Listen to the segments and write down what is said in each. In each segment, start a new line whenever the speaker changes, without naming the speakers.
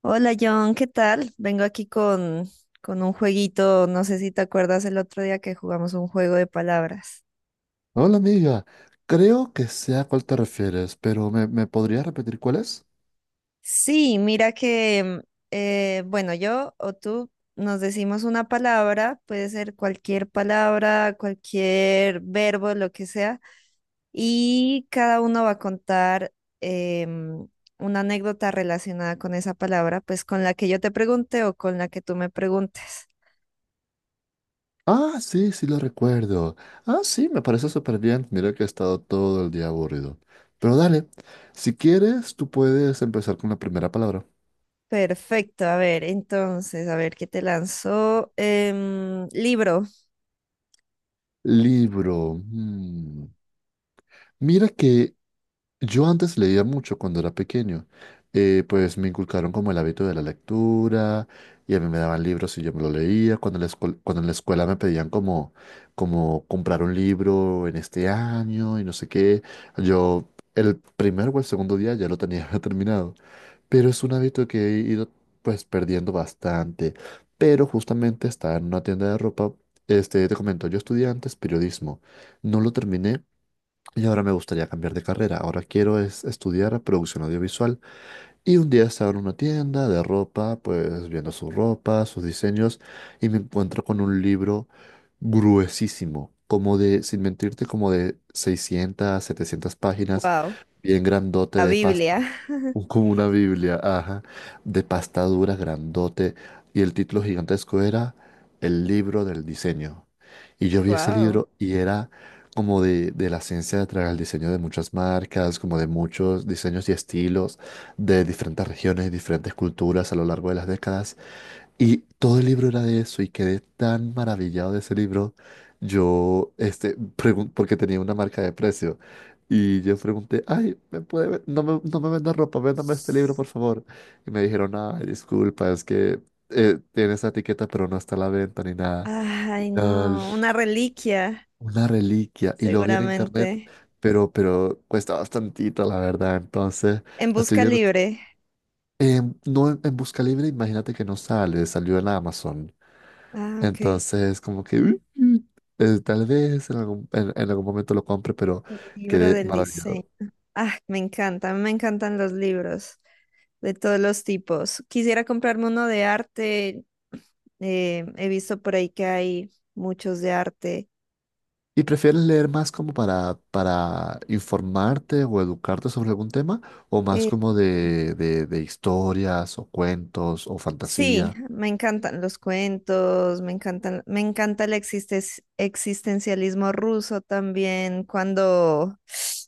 Hola John, ¿qué tal? Vengo aquí con un jueguito, no sé si te acuerdas el otro día que jugamos un juego de palabras.
Hola amiga, creo que sé a cuál te refieres, pero ¿me podrías repetir cuál es?
Sí, mira que, bueno, yo o tú nos decimos una palabra, puede ser cualquier palabra, cualquier verbo, lo que sea, y cada uno va a contar em, una anécdota relacionada con esa palabra, pues con la que yo te pregunte o con la que tú me preguntes.
Ah, sí, sí lo recuerdo. Ah, sí, me parece súper bien. Mira que he estado todo el día aburrido. Pero dale, si quieres, tú puedes empezar con la primera palabra.
Perfecto, a ver, entonces, a ver qué te lanzó. Em, libro,
Libro. Mm. Mira que yo antes leía mucho cuando era pequeño. Pues me inculcaron como el hábito de la lectura y a mí me daban libros y yo me lo leía. Cuando en la escuela me pedían como comprar un libro en este año y no sé qué, yo el primer o el segundo día ya lo tenía terminado. Pero es un hábito que he ido pues perdiendo bastante. Pero justamente estaba en una tienda de ropa. Te comento, yo estudié antes periodismo. No lo terminé y ahora me gustaría cambiar de carrera. Ahora quiero es estudiar producción audiovisual. Y un día estaba en una tienda de ropa, pues viendo su ropa, sus diseños, y me encuentro con un libro gruesísimo, como de, sin mentirte, como de 600 700 páginas,
wow,
bien grandote
la
de pasta,
Biblia,
como una Biblia, ajá, de pasta dura, grandote, y el título gigantesco era El libro del diseño. Y yo vi ese
wow.
libro y era como de, la ciencia detrás del diseño de muchas marcas, como de muchos diseños y estilos de diferentes regiones, diferentes culturas a lo largo de las décadas. Y todo el libro era de eso y quedé tan maravillado de ese libro. Porque tenía una marca de precio. Y yo pregunté, ay, ¿me puede no me venda ropa, véndame este libro, por favor? Y me dijeron, ay, disculpa, es que tiene esa etiqueta, pero no está a la venta ni nada. Y
Ay,
era
no, una reliquia,
una reliquia. Y lo vi en internet,
seguramente.
pero cuesta bastantito, la verdad. Entonces,
En
estoy
busca
viendo
libre.
No, en Busca Libre, imagínate que no sale, salió en Amazon.
Ah, ok.
Entonces, como que "uh, tal vez en algún momento lo compre, pero
El libro
quedé
del diseño.
maravillado.
Ah, me encantan los libros de todos los tipos. Quisiera comprarme uno de arte. Eh, he visto por ahí que hay muchos de arte.
¿Y prefieres leer más como para, informarte o educarte sobre algún tema? ¿O más
Eh,
como de historias o cuentos o
Sí,
fantasía?
me encantan los cuentos, me encantan, me encanta el existencialismo ruso también, cuando,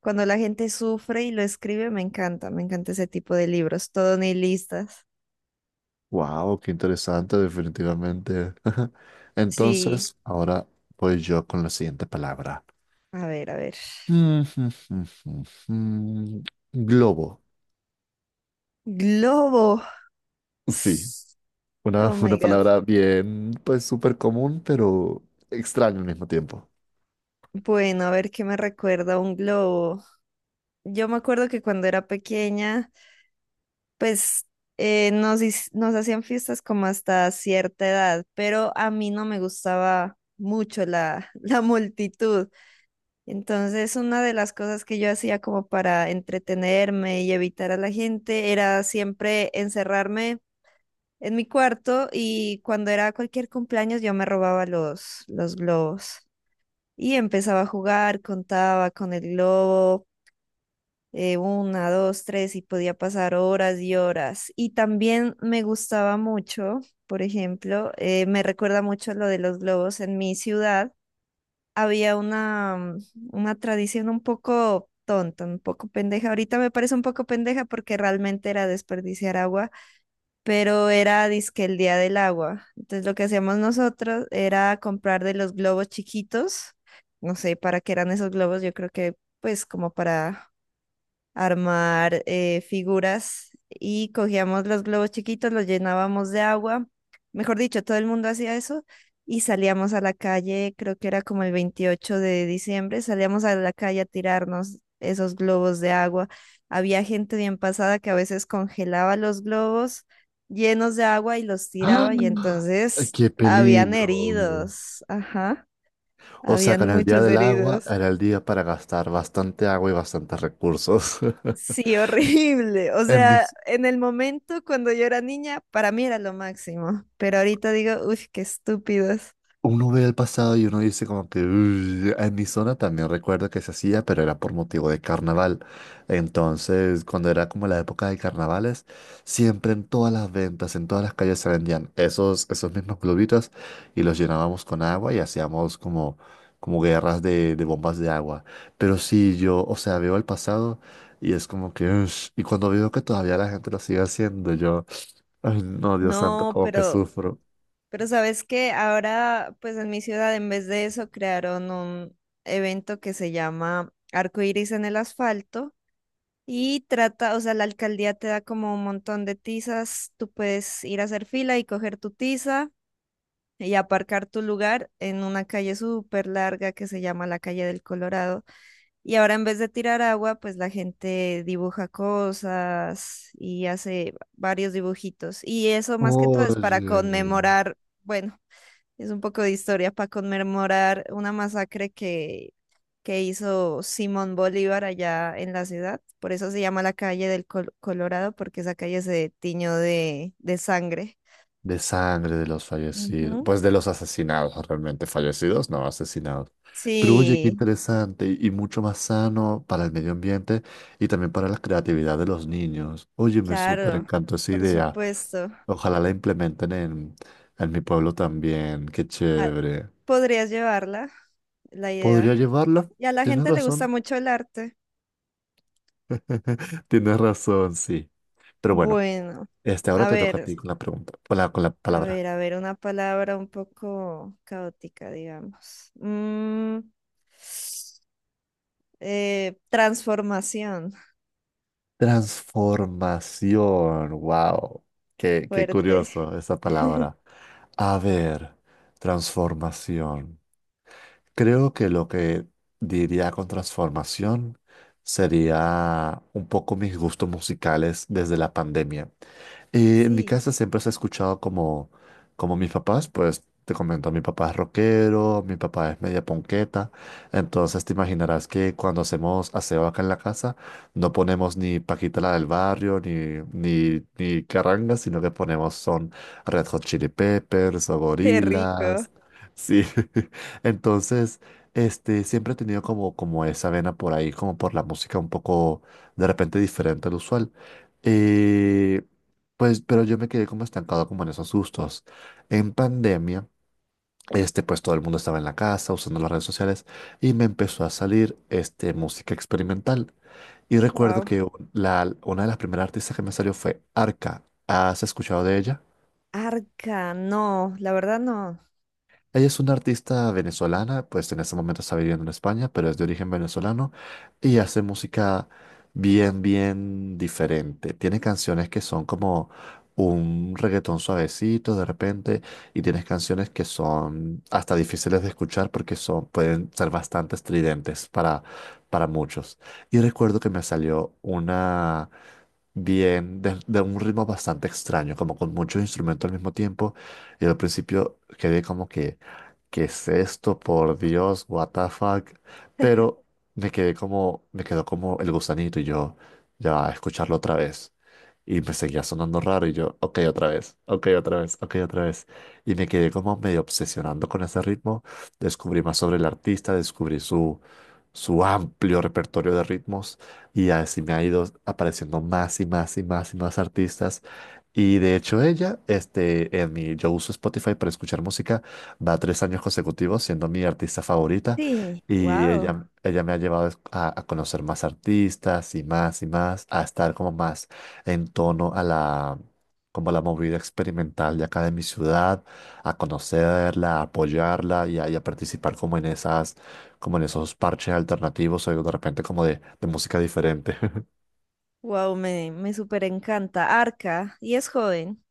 cuando la gente sufre y lo escribe, me encanta ese tipo de libros, todo nihilistas.
¡Wow! ¡Qué interesante, definitivamente!
Sí,
Entonces, ahora voy yo con la siguiente palabra.
a ver, a ver.
Mm, mm, mm, mm, mm. Globo.
Globo.
Sí, una,
Oh
una
my God.
palabra bien, pues súper común, pero extraña al mismo tiempo.
Bueno, a ver qué me recuerda un globo. Yo me acuerdo que cuando era pequeña, pues, nos hacían fiestas como hasta cierta edad, pero a mí no me gustaba mucho la multitud. Entonces, una de las cosas que yo hacía como para entretenerme y evitar a la gente era siempre encerrarme en mi cuarto, y cuando era cualquier cumpleaños yo me robaba los globos y empezaba a jugar, contaba con el globo una, dos, tres, y podía pasar horas y horas. Y también me gustaba mucho, por ejemplo, me recuerda mucho lo de los globos en mi ciudad. Había una, una tradición un poco tonta, un poco pendeja. Ahorita me parece un poco pendeja porque realmente era desperdiciar agua, pero era dizque el día del agua. Entonces lo que hacíamos nosotros era comprar de los globos chiquitos. No sé para qué eran esos globos, yo creo que pues como para armar figuras, y cogíamos los globos chiquitos, los llenábamos de agua. Mejor dicho, todo el mundo hacía eso y salíamos a la calle, creo que era como el 28 de diciembre, salíamos a la calle a tirarnos esos globos de agua. Había gente bien pasada que a veces congelaba los globos llenos de agua y los
¡Ah!
tiraba y entonces
¡Qué
habían
peligro!
heridos, ajá,
O sea,
habían
con el día
muchos
del agua
heridos.
era el día para gastar bastante agua y bastantes recursos.
Sí, horrible. O
En
sea,
mis,
en el momento cuando yo era niña, para mí era lo máximo. Pero ahorita digo, uff, qué estúpidos.
Uno ve el pasado y uno dice como que "uy". En mi zona también recuerdo que se hacía, pero era por motivo de carnaval. Entonces, cuando era como la época de carnavales, siempre en todas las ventas, en todas las calles se vendían esos mismos globitos y los llenábamos con agua y hacíamos como guerras de, bombas de agua. Pero sí, yo, o sea, veo el pasado y es como que, "ush". Y cuando veo que todavía la gente lo sigue haciendo, yo, ay, no, Dios santo,
No,
como que sufro.
pero ¿sabes qué? Ahora, pues en mi ciudad, en vez de eso, crearon un evento que se llama Arco Iris en el asfalto. Y trata, o sea, la alcaldía te da como un montón de tizas. Tú puedes ir a hacer fila y coger tu tiza y aparcar tu lugar en una calle súper larga que se llama la calle del Colorado. Y ahora en vez de tirar agua, pues la gente dibuja cosas y hace varios dibujitos. Y eso más que todo es para
Oye.
conmemorar, bueno, es un poco de historia, para conmemorar una masacre que hizo Simón Bolívar allá en la ciudad. Por eso se llama la calle del Colorado, porque esa calle se tiñó de sangre.
De sangre de los fallecidos.
Ujú.
Pues de los asesinados, realmente. Fallecidos, no, asesinados. Pero oye, qué
Sí,
interesante y mucho más sano para el medio ambiente y también para la creatividad de los niños. Oye, me súper
claro,
encantó esa
por
idea.
supuesto.
Ojalá la implementen en, mi pueblo también. Qué
Ah,
chévere.
¿podrías llevarla, la
¿Podría
idea?
llevarla?
Y a la
Tienes
gente le gusta
razón.
mucho el arte.
Tienes razón, sí. Pero bueno,
Bueno,
ahora
a
te toca a
ver,
ti con la pregunta, con la,
a
palabra.
ver, a ver, una palabra un poco caótica, digamos. Transformación,
Transformación, wow, qué
fuerte.
curioso esa palabra. A ver, transformación. Creo que lo que diría con transformación sería un poco mis gustos musicales desde la pandemia. Y en mi
Sí,
casa siempre se ha escuchado como mis papás, pues te comento, mi papá es rockero, mi papá es media ponqueta, entonces te imaginarás que cuando hacemos aseo acá en la casa no ponemos ni Paquita la del barrio, ni carranga, sino que ponemos son Red Hot Chili Peppers o
qué rico.
Gorillaz, sí. Entonces, siempre he tenido como esa vena por ahí, como por la música un poco de repente diferente al usual. Eh, pues, pero yo me quedé como estancado como en esos gustos. En pandemia, pues todo el mundo estaba en la casa usando las redes sociales y me empezó a salir música experimental. Y recuerdo
Wow.
que una de las primeras artistas que me salió fue Arca. ¿Has escuchado de ella?
Arca, no, la verdad no.
Ella es una artista venezolana, pues en este momento está viviendo en España, pero es de origen venezolano y hace música bien, bien diferente. Tiene canciones que son como un reggaetón suavecito de repente y tienes canciones que son hasta difíciles de escuchar porque son, pueden ser bastante estridentes para, muchos. Y recuerdo que me salió una bien, de un ritmo bastante extraño, como con muchos instrumentos al mismo tiempo. Y al principio quedé como que, ¿qué es esto? Por Dios, what the fuck. Pero me quedé como, me quedó como el gusanito y yo, ya, va, escucharlo otra vez. Y me seguía sonando raro y yo, ok, otra vez, ok, otra vez, ok, otra vez. Y me quedé como medio obsesionando con ese ritmo. Descubrí más sobre el artista, descubrí su, amplio repertorio de ritmos y así me ha ido apareciendo más y más y más y más artistas. Y de hecho ella, este, en mi, yo uso Spotify para escuchar música. Va 3 años consecutivos siendo mi artista favorita,
Sí,
y
wow.
ella me ha llevado a, conocer más artistas y más, a estar como más en tono como a la movida experimental de acá de mi ciudad, a conocerla, a apoyarla y a participar como como en esos parches alternativos o de repente como de música diferente.
Wow, me súper encanta. Arca, y es joven.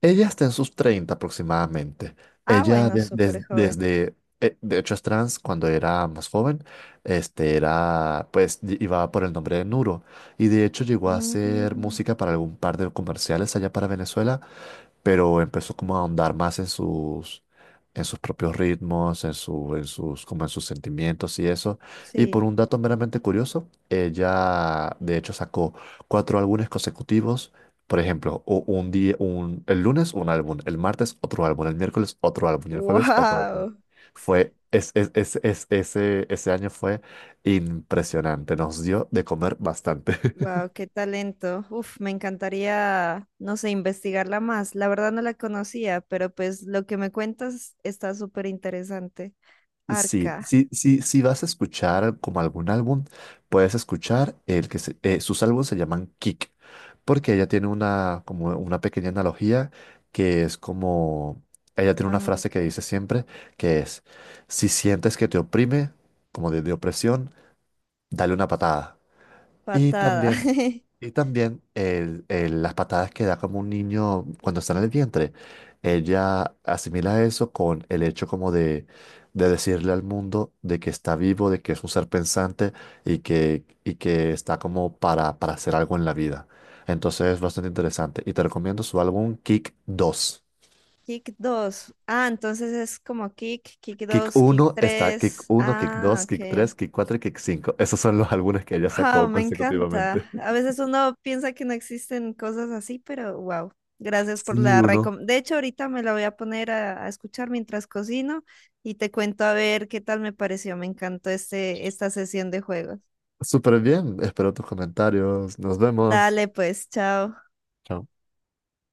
Ella está en sus 30 aproximadamente.
Ah,
Ella
bueno, súper joven.
de hecho es trans. Cuando era más joven, era, pues, iba por el nombre de Nuro y de hecho llegó a hacer
Mm,
música para algún par de comerciales allá para Venezuela, pero empezó como a ahondar más en sus propios ritmos, en su, en sus, como en sus sentimientos y eso. Y
sí.
por un dato meramente curioso, ella de hecho sacó cuatro álbumes consecutivos. Por ejemplo, un día, el lunes un álbum, el martes otro álbum, el miércoles otro álbum y el jueves otro álbum.
Wow.
Fue, es- ese año fue impresionante, nos dio de comer bastante.
Wow, qué talento. Uf, me encantaría, no sé, investigarla más. La verdad no la conocía, pero pues lo que me cuentas está súper interesante.
Sí,
Arca.
sí, sí, sí vas a escuchar como algún álbum, puedes escuchar el que sus álbumes se llaman Kick, porque ella tiene una como una pequeña analogía que es como ella tiene una
Ah,
frase que
ok.
dice siempre que es si sientes que te oprime, como de, opresión, dale una patada. Y
Patada.
también y también las patadas que da como un niño cuando está en el vientre. Ella asimila eso con el hecho como de, decirle al mundo de que está vivo, de que es un ser pensante y que está como para hacer algo en la vida. Entonces es bastante interesante. Y te recomiendo su álbum Kick dos.
Kick 2. Ah, entonces es como kick, kick 2, kick
Kick
3.
uno, Kick
Ah,
dos, Kick
ok.
tres, Kick 4 y Kick cinco. Esos son los álbumes que ella
Wow,
sacó
me
consecutivamente.
encanta. A veces uno piensa que no existen cosas así, pero wow. Gracias por
Sí,
la
uno.
recomendación. De hecho, ahorita me la voy a poner a escuchar mientras cocino y te cuento a ver qué tal me pareció. Me encantó este, esta sesión de juegos.
Súper bien. Espero tus comentarios. Nos vemos.
Dale, pues, chao.
Chao.